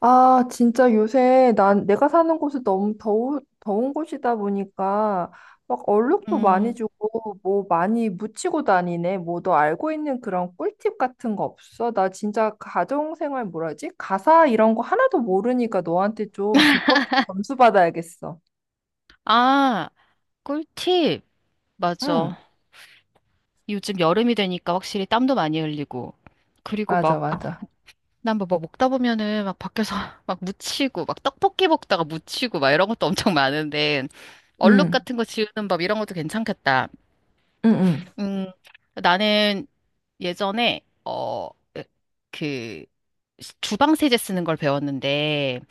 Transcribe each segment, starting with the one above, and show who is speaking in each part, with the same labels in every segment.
Speaker 1: 아, 진짜 요새 난 내가 사는 곳이 더운 곳이다 보니까 막 얼룩도 많이
Speaker 2: 음,
Speaker 1: 주고 뭐 많이 묻히고 다니네. 뭐 너 알고 있는 그런 꿀팁 같은 거 없어? 나 진짜 가정생활 뭐라지? 가사 이런 거 하나도 모르니까 너한테 좀 비법 좀 점수 받아야겠어.
Speaker 2: 아, 꿀팁.
Speaker 1: 응,
Speaker 2: 맞아. 요즘 여름이 되니까 확실히 땀도 많이 흘리고. 그리고
Speaker 1: 맞아,
Speaker 2: 막,
Speaker 1: 맞아.
Speaker 2: 난 뭐 먹다 보면은 막 밖에서 막 묻히고, 막 떡볶이 먹다가 묻히고, 막 이런 것도 엄청 많은데, 얼룩
Speaker 1: 응,
Speaker 2: 같은 거 지우는 법 이런 것도 괜찮겠다.
Speaker 1: 응, 응.
Speaker 2: 음, 나는 예전에, 어, 그, 주방 세제 쓰는 걸 배웠는데,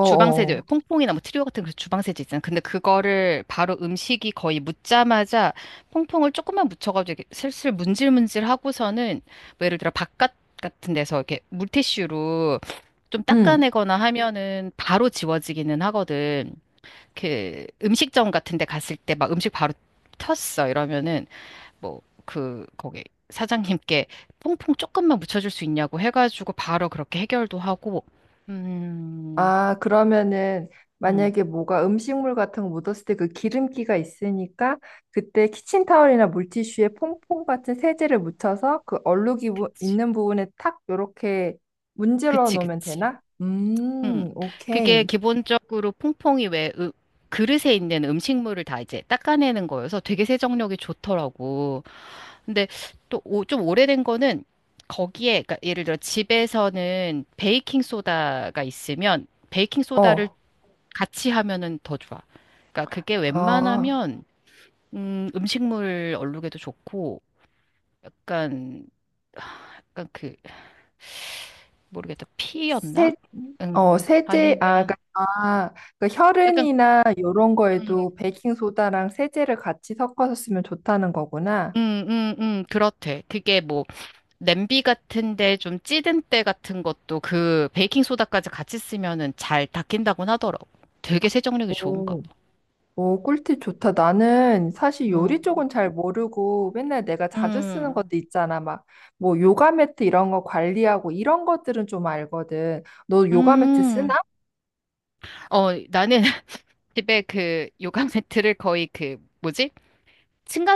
Speaker 2: 주방세제, 퐁퐁이나 뭐 트리오 같은 그 주방세제 있잖아. 근데 그거를 바로 음식이 거의 묻자마자 퐁퐁을 조금만 묻혀가지고 이렇게 슬슬 문질문질 하고서는 뭐 예를 들어 바깥 같은 데서 이렇게 물티슈로 좀 닦아내거나 하면은 바로 지워지기는 하거든. 그 음식점 같은 데 갔을 때 막 음식 바로 텄어 이러면은 뭐 그 거기 사장님께 퐁퐁 조금만 묻혀줄 수 있냐고 해가지고 바로 그렇게 해결도 하고. 음.
Speaker 1: 아, 그러면은
Speaker 2: 음.
Speaker 1: 만약에 뭐가 음식물 같은 거 묻었을 때 그 기름기가 있으니까 그때 키친타월이나 물티슈에 퐁퐁 같은 세제를 묻혀서 그 얼룩이
Speaker 2: 그치.
Speaker 1: 있는 부분에 탁 요렇게 문질러
Speaker 2: 그치,
Speaker 1: 놓으면
Speaker 2: 그치.
Speaker 1: 되나?
Speaker 2: 음. 그게
Speaker 1: 오케이.
Speaker 2: 기본적으로 퐁퐁이 왜 그릇에 있는 음식물을 다 이제 닦아내는 거여서 되게 세정력이 좋더라고. 근데 또 좀 오래된 거는 거기에, 그러니까 예를 들어 집에서는 베이킹 소다가 있으면 베이킹 소다를
Speaker 1: 어,
Speaker 2: 같이 하면은 더 좋아. 그러니까 그게
Speaker 1: 아,
Speaker 2: 웬만하면 음식물 얼룩에도 좋고 약간 약간 그 모르겠다
Speaker 1: 세,
Speaker 2: 피였나?
Speaker 1: 세제, 아,
Speaker 2: 아니면
Speaker 1: 그러니까, 아, 그
Speaker 2: 약간
Speaker 1: 혈흔이나 요런
Speaker 2: 음,
Speaker 1: 거에도 베이킹소다랑 세제를 같이 섞어서 쓰면 좋다는 거구나.
Speaker 2: 그렇대. 그게 뭐, 냄비 같은데 좀 찌든 때 같은 것도 그 베이킹소다까지 같이 쓰면은 잘 닦인다곤 하더라고. 되게 세정력이 좋은가 봐.
Speaker 1: 오. 오, 꿀팁 좋다. 나는 사실 요리
Speaker 2: 음,
Speaker 1: 쪽은 잘 모르고 맨날 내가 자주 쓰는
Speaker 2: 음,
Speaker 1: 것도 있잖아. 막, 뭐, 요가 매트 이런 거 관리하고 이런 것들은 좀 알거든. 너 요가 매트 쓰나?
Speaker 2: 음. 어, 나는 집에 그 요강 매트를 거의 그, 뭐지?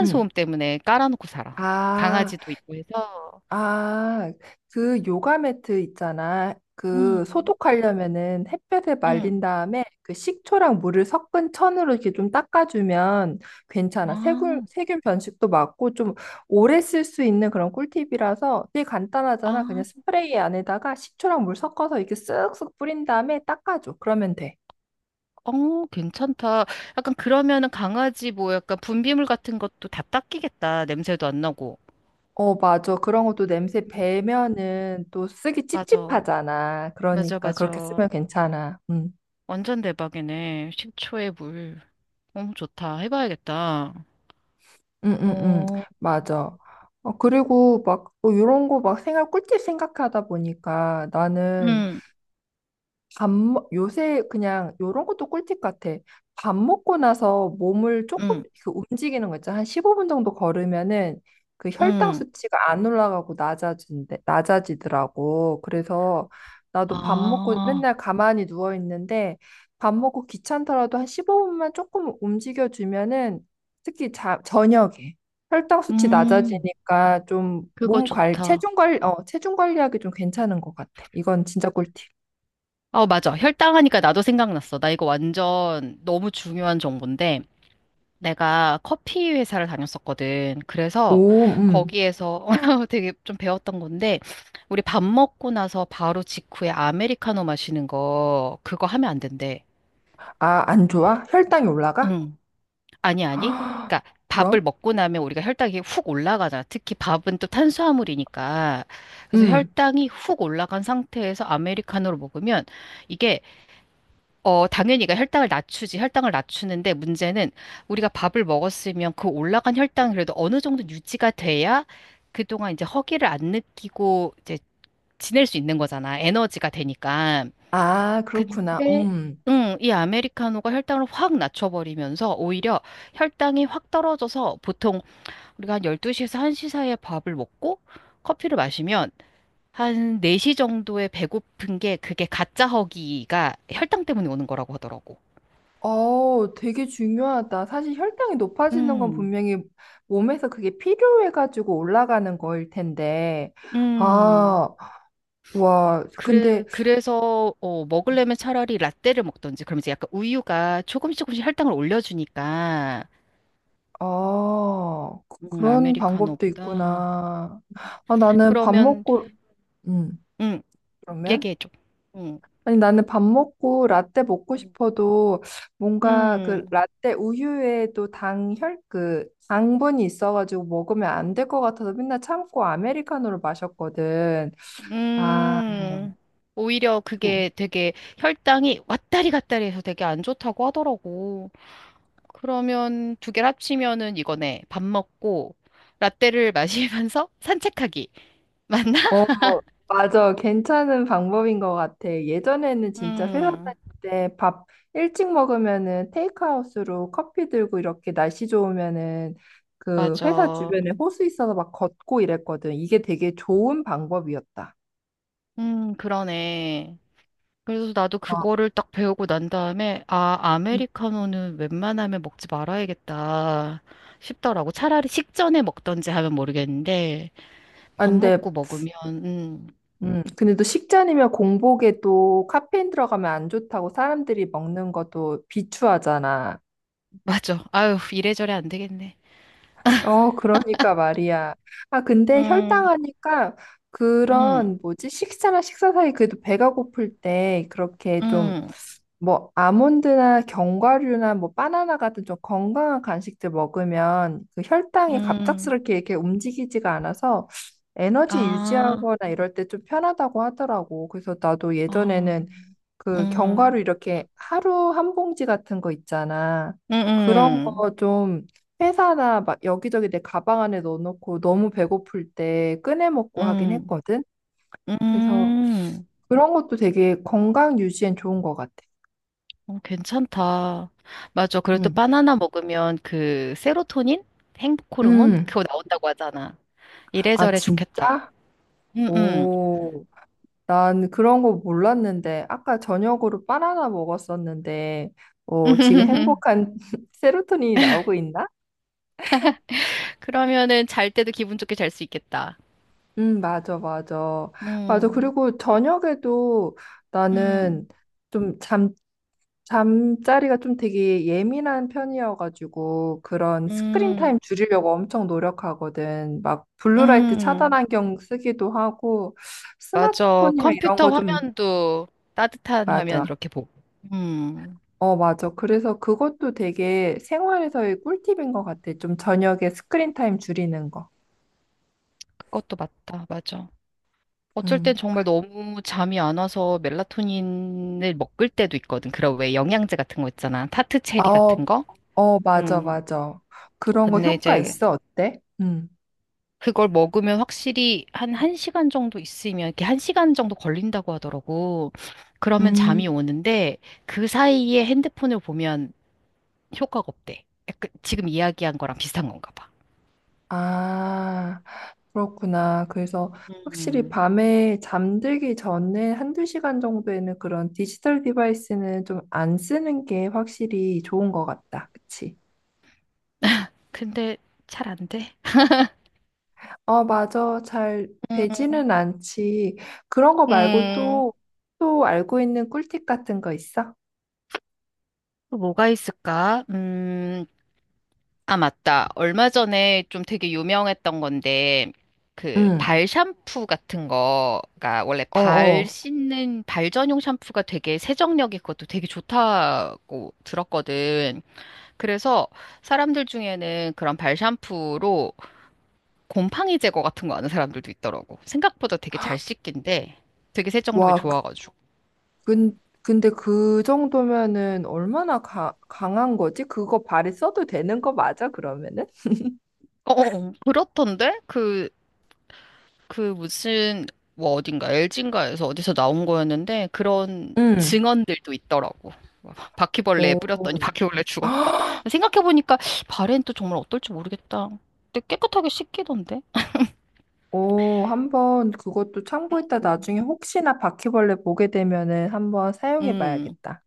Speaker 1: 응.
Speaker 2: 때문에 깔아놓고 살아.
Speaker 1: 아,
Speaker 2: 강아지도 있고 해서.
Speaker 1: 아, 그 요가 매트 있잖아. 그
Speaker 2: 음,
Speaker 1: 소독하려면은 햇볕에
Speaker 2: 음.
Speaker 1: 말린 다음에 그 식초랑 물을 섞은 천으로 이렇게 좀 닦아주면 괜찮아.
Speaker 2: 아,
Speaker 1: 세균 변식도 막고 좀 오래 쓸 수 있는 그런 꿀팁이라서 되게 간단하잖아.
Speaker 2: 아.
Speaker 1: 그냥 스프레이 안에다가 식초랑 물 섞어서 이렇게 쓱쓱 뿌린 다음에 닦아줘. 그러면 돼.
Speaker 2: 어, 괜찮다. 약간 그러면은 강아지 뭐 약간 분비물 같은 것도 다 닦이겠다. 냄새도 안 나고.
Speaker 1: 어, 맞아. 그런 것도 냄새 배면은 또 쓰기
Speaker 2: 맞아.
Speaker 1: 찝찝하잖아.
Speaker 2: 맞아,
Speaker 1: 그러니까 그렇게
Speaker 2: 맞아.
Speaker 1: 쓰면 괜찮아. 음.
Speaker 2: 완전 대박이네. 10초의 물. 너무 좋다. 해봐야겠다.
Speaker 1: 응응응
Speaker 2: 어,
Speaker 1: 맞아. 어, 그리고 막 뭐 이런 거 막 생각 꿀팁 생각하다 보니까 나는
Speaker 2: 응,
Speaker 1: 요새 그냥 요런 것도 꿀팁 같아. 밥 먹고 나서 몸을 조금
Speaker 2: 응,
Speaker 1: 그 움직이는 거 있잖아. 한 15분 정도 걸으면은 그 혈당
Speaker 2: 응.
Speaker 1: 수치가 안 낮아지더라고. 그래서 나도 밥 먹고
Speaker 2: 아,
Speaker 1: 맨날 가만히 누워 있는데 밥 먹고 귀찮더라도 한 15분만 조금 움직여 주면은 특히 저녁에 혈당 수치
Speaker 2: 음,
Speaker 1: 낮아지니까 좀
Speaker 2: 그거
Speaker 1: 몸 관
Speaker 2: 좋다.
Speaker 1: 체중 관리, 체중 관리하기 좀 괜찮은 것 같아. 이건 진짜 꿀팁.
Speaker 2: 어, 맞아. 혈당하니까 나도 생각났어. 나 이거 완전 너무 중요한 정보인데. 내가 커피 회사를 다녔었거든. 그래서
Speaker 1: 오,
Speaker 2: 거기에서 되게 좀 배웠던 건데, 우리 밥 먹고 나서 바로 직후에 아메리카노 마시는 거, 그거 하면 안 된대.
Speaker 1: 아, 안 좋아? 혈당이 올라가?
Speaker 2: 응. 아니, 아니. 그러니까 밥을
Speaker 1: 그럼?
Speaker 2: 먹고 나면 우리가 혈당이 훅 올라가잖아. 특히 밥은 또 탄수화물이니까. 그래서
Speaker 1: 음.
Speaker 2: 혈당이 훅 올라간 상태에서 아메리카노를 먹으면 이게 어, 당연히 그 혈당을 낮추지. 혈당을 낮추는데 문제는 우리가 밥을 먹었으면 그 올라간 혈당 그래도 어느 정도 유지가 돼야 그동안 이제 허기를 안 느끼고 이제 지낼 수 있는 거잖아. 에너지가 되니까.
Speaker 1: 아, 그렇구나.
Speaker 2: 근데
Speaker 1: 음.
Speaker 2: 응, 이 아메리카노가 혈당을 확 낮춰버리면서 오히려 혈당이 확 떨어져서 보통 우리가 한 12시에서 1시 사이에 밥을 먹고 커피를 마시면 한 4시 정도에 배고픈 게 그게 가짜 허기가 혈당 때문에 오는 거라고 하더라고.
Speaker 1: 어, 되게 중요하다. 사실 혈당이 높아지는 건
Speaker 2: 음,
Speaker 1: 분명히 몸에서 그게 필요해가지고 올라가는 거일 텐데.
Speaker 2: 음.
Speaker 1: 아, 와, 근데,
Speaker 2: 그래, 그래서, 어, 먹으려면 차라리 라떼를 먹던지, 그럼 이제 약간 우유가 조금씩 조금씩 할당을 올려주니까,
Speaker 1: 아, 그런 방법도
Speaker 2: 아메리카노보다.
Speaker 1: 있구나. 아, 나는 밥
Speaker 2: 그러면,
Speaker 1: 먹고, 음,
Speaker 2: 음,
Speaker 1: 그러면?
Speaker 2: 얘기해줘. 음,
Speaker 1: 아니, 나는 밥 먹고 라떼 먹고 싶어도 뭔가 그
Speaker 2: 음,
Speaker 1: 라떼 우유에 또 그 당분이 있어가지고 먹으면 안 될 것 같아서 맨날 참고 아메리카노를 마셨거든. 아,
Speaker 2: 음. 오히려
Speaker 1: 좀.
Speaker 2: 그게 되게 혈당이 왔다리 갔다리 해서 되게 안 좋다고 하더라고. 그러면 두 개를 합치면은 이거네. 밥 먹고, 라떼를 마시면서 산책하기. 맞나?
Speaker 1: 어, 맞아. 괜찮은 방법인 것 같아. 예전에는 진짜 회사
Speaker 2: 음.
Speaker 1: 다닐 때 밥 일찍 먹으면은 테이크아웃으로 커피 들고 이렇게 날씨 좋으면은 그 회사
Speaker 2: 맞아.
Speaker 1: 주변에 호수 있어서 막 걷고 이랬거든. 이게 되게 좋은 방법이었다.
Speaker 2: 그러네. 그래서 나도 그거를 딱 배우고 난 다음에, 아,
Speaker 1: 음.
Speaker 2: 아메리카노는 웬만하면 먹지 말아야겠다 싶더라고. 차라리 식전에 먹던지 하면 모르겠는데,
Speaker 1: 아,
Speaker 2: 밥
Speaker 1: 근데,
Speaker 2: 먹고 먹으면, 음,
Speaker 1: 근데 또 식전이면 공복에 또 카페인 들어가면 안 좋다고 사람들이 먹는 것도 비추하잖아.
Speaker 2: 맞아. 아유, 이래저래 안 되겠네.
Speaker 1: 어, 그러니까 말이야. 아, 근데
Speaker 2: 음,
Speaker 1: 혈당하니까
Speaker 2: 음,
Speaker 1: 그런 뭐지? 식사나 식사 사이 그래도 배가 고플 때 그렇게 좀
Speaker 2: 음,
Speaker 1: 뭐 아몬드나 견과류나 뭐 바나나 같은 좀 건강한 간식들 먹으면 그 혈당이
Speaker 2: 음,
Speaker 1: 갑작스럽게 이렇게 움직이지가 않아서 에너지
Speaker 2: 아,
Speaker 1: 유지하거나 이럴 때 좀 편하다고 하더라고. 그래서 나도
Speaker 2: 아,
Speaker 1: 예전에는 그
Speaker 2: 음,
Speaker 1: 견과류 이렇게 하루 한 봉지 같은 거 있잖아.
Speaker 2: 음,
Speaker 1: 그런
Speaker 2: 음,
Speaker 1: 거 좀 회사나 막 여기저기 내 가방 안에 넣어놓고 너무 배고플 때 꺼내 먹고 하긴
Speaker 2: 음,
Speaker 1: 했거든. 그래서
Speaker 2: 음.
Speaker 1: 그런 것도 되게 건강 유지엔 좋은 것 같아.
Speaker 2: 어, 괜찮다. 맞아. 그리고 또
Speaker 1: 응.
Speaker 2: 바나나 먹으면 그 세로토닌? 행복 호르몬?
Speaker 1: 음.
Speaker 2: 그거 나온다고 하잖아.
Speaker 1: 아,
Speaker 2: 이래저래 좋겠다.
Speaker 1: 진짜?
Speaker 2: 응응.
Speaker 1: 오, 난 그런 거 몰랐는데, 아까 저녁으로 바나나 먹었었는데, 어, 지금 행복한 세로토닌이 나오고 있나?
Speaker 2: 그러면은 잘 때도 기분 좋게 잘 수 있겠다.
Speaker 1: 맞아, 맞아. 맞아.
Speaker 2: 음,
Speaker 1: 그리고 저녁에도
Speaker 2: 음,
Speaker 1: 나는 좀 잠, 잠자리가 좀 되게 예민한 편이어가지고 그런 스크린
Speaker 2: 음,
Speaker 1: 타임 줄이려고 엄청 노력하거든. 막 블루라이트 차단
Speaker 2: 음.
Speaker 1: 안경 쓰기도 하고
Speaker 2: 맞아.
Speaker 1: 스마트폰이나 이런
Speaker 2: 컴퓨터
Speaker 1: 거 좀
Speaker 2: 화면도 따뜻한 화면
Speaker 1: 맞아.
Speaker 2: 이렇게 보고. 음,
Speaker 1: 어, 맞아. 그래서 그것도 되게 생활에서의 꿀팁인 것 같아. 좀 저녁에 스크린 타임 줄이는 거.
Speaker 2: 그것도 맞다. 맞아. 어쩔 땐
Speaker 1: 음.
Speaker 2: 정말 너무 잠이 안 와서 멜라토닌을 먹을 때도 있거든. 그런 왜 영양제 같은 거 있잖아. 타트 체리
Speaker 1: 어,
Speaker 2: 같은 거?
Speaker 1: 어, 맞아,
Speaker 2: 음.
Speaker 1: 맞아. 그런 거
Speaker 2: 근데
Speaker 1: 효과
Speaker 2: 이제
Speaker 1: 있어? 어때? 음.
Speaker 2: 그걸 먹으면 확실히 한 1시간 정도 있으면 이렇게 1시간 정도 걸린다고 하더라고. 그러면
Speaker 1: 음,
Speaker 2: 잠이 오는데 그 사이에 핸드폰을 보면 효과가 없대. 약간 지금 이야기한 거랑 비슷한 건가 봐.
Speaker 1: 아, 그렇구나. 그래서 확실히
Speaker 2: 음.
Speaker 1: 밤에 잠들기 전에 한두 시간 정도에는 그런 디지털 디바이스는 좀 안 쓰는 게 확실히 좋은 것 같다. 그치?
Speaker 2: 근데 잘 안 돼.
Speaker 1: 어, 맞아. 잘
Speaker 2: 음.
Speaker 1: 되지는 않지. 그런 거 말고
Speaker 2: 음.
Speaker 1: 또, 또 알고 있는 꿀팁 같은 거 있어?
Speaker 2: 또 뭐가 있을까? 음. 아, 맞다. 얼마 전에 좀 되게 유명했던 건데, 그,
Speaker 1: 응.
Speaker 2: 발 샴푸 같은 거가, 원래
Speaker 1: 어,
Speaker 2: 발
Speaker 1: 어.
Speaker 2: 씻는, 발 전용 샴푸가 되게 세정력이 그것도 되게 좋다고 들었거든. 그래서 사람들 중에는 그런 발 샴푸로 곰팡이 제거 같은 거 하는 사람들도 있더라고. 생각보다 되게 잘 씻긴데, 되게 세정력이
Speaker 1: 와,
Speaker 2: 좋아가지고.
Speaker 1: 근데 그 정도면은 얼마나 강한 거지? 그거 발에 써도 되는 거 맞아, 그러면은?
Speaker 2: 어, 어, 어. 그렇던데? 그 무슨 뭐 어딘가 엘진인가에서 어디서 나온 거였는데 그런
Speaker 1: 응.
Speaker 2: 증언들도 있더라고. 막 바퀴벌레에 뿌렸더니
Speaker 1: 오,
Speaker 2: 바퀴벌레 죽었다. 생각해보니까 발엔 또 정말 어떨지 모르겠다. 근데 깨끗하게 씻기던데.
Speaker 1: 오, 한 번 그것도 참고했다.
Speaker 2: 음.
Speaker 1: 나중에 혹시나 바퀴벌레 보게 되면은 한번 사용해
Speaker 2: 음,
Speaker 1: 봐야겠다.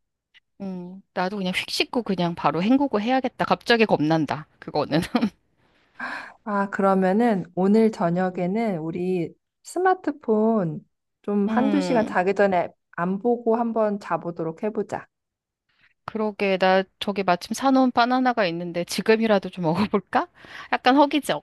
Speaker 2: 나도 그냥 휙 씻고 그냥 바로 헹구고 해야겠다. 갑자기 겁난다. 그거는.
Speaker 1: 아, 그러면은 오늘
Speaker 2: 음,
Speaker 1: 저녁에는 우리 스마트폰 좀 한두 시간
Speaker 2: 음,
Speaker 1: 자기 전에 안 보고 한번 자보도록 해보자.
Speaker 2: 그러게. 나 저기 마침 사놓은 바나나가 있는데 지금이라도 좀 먹어볼까? 약간 허기져.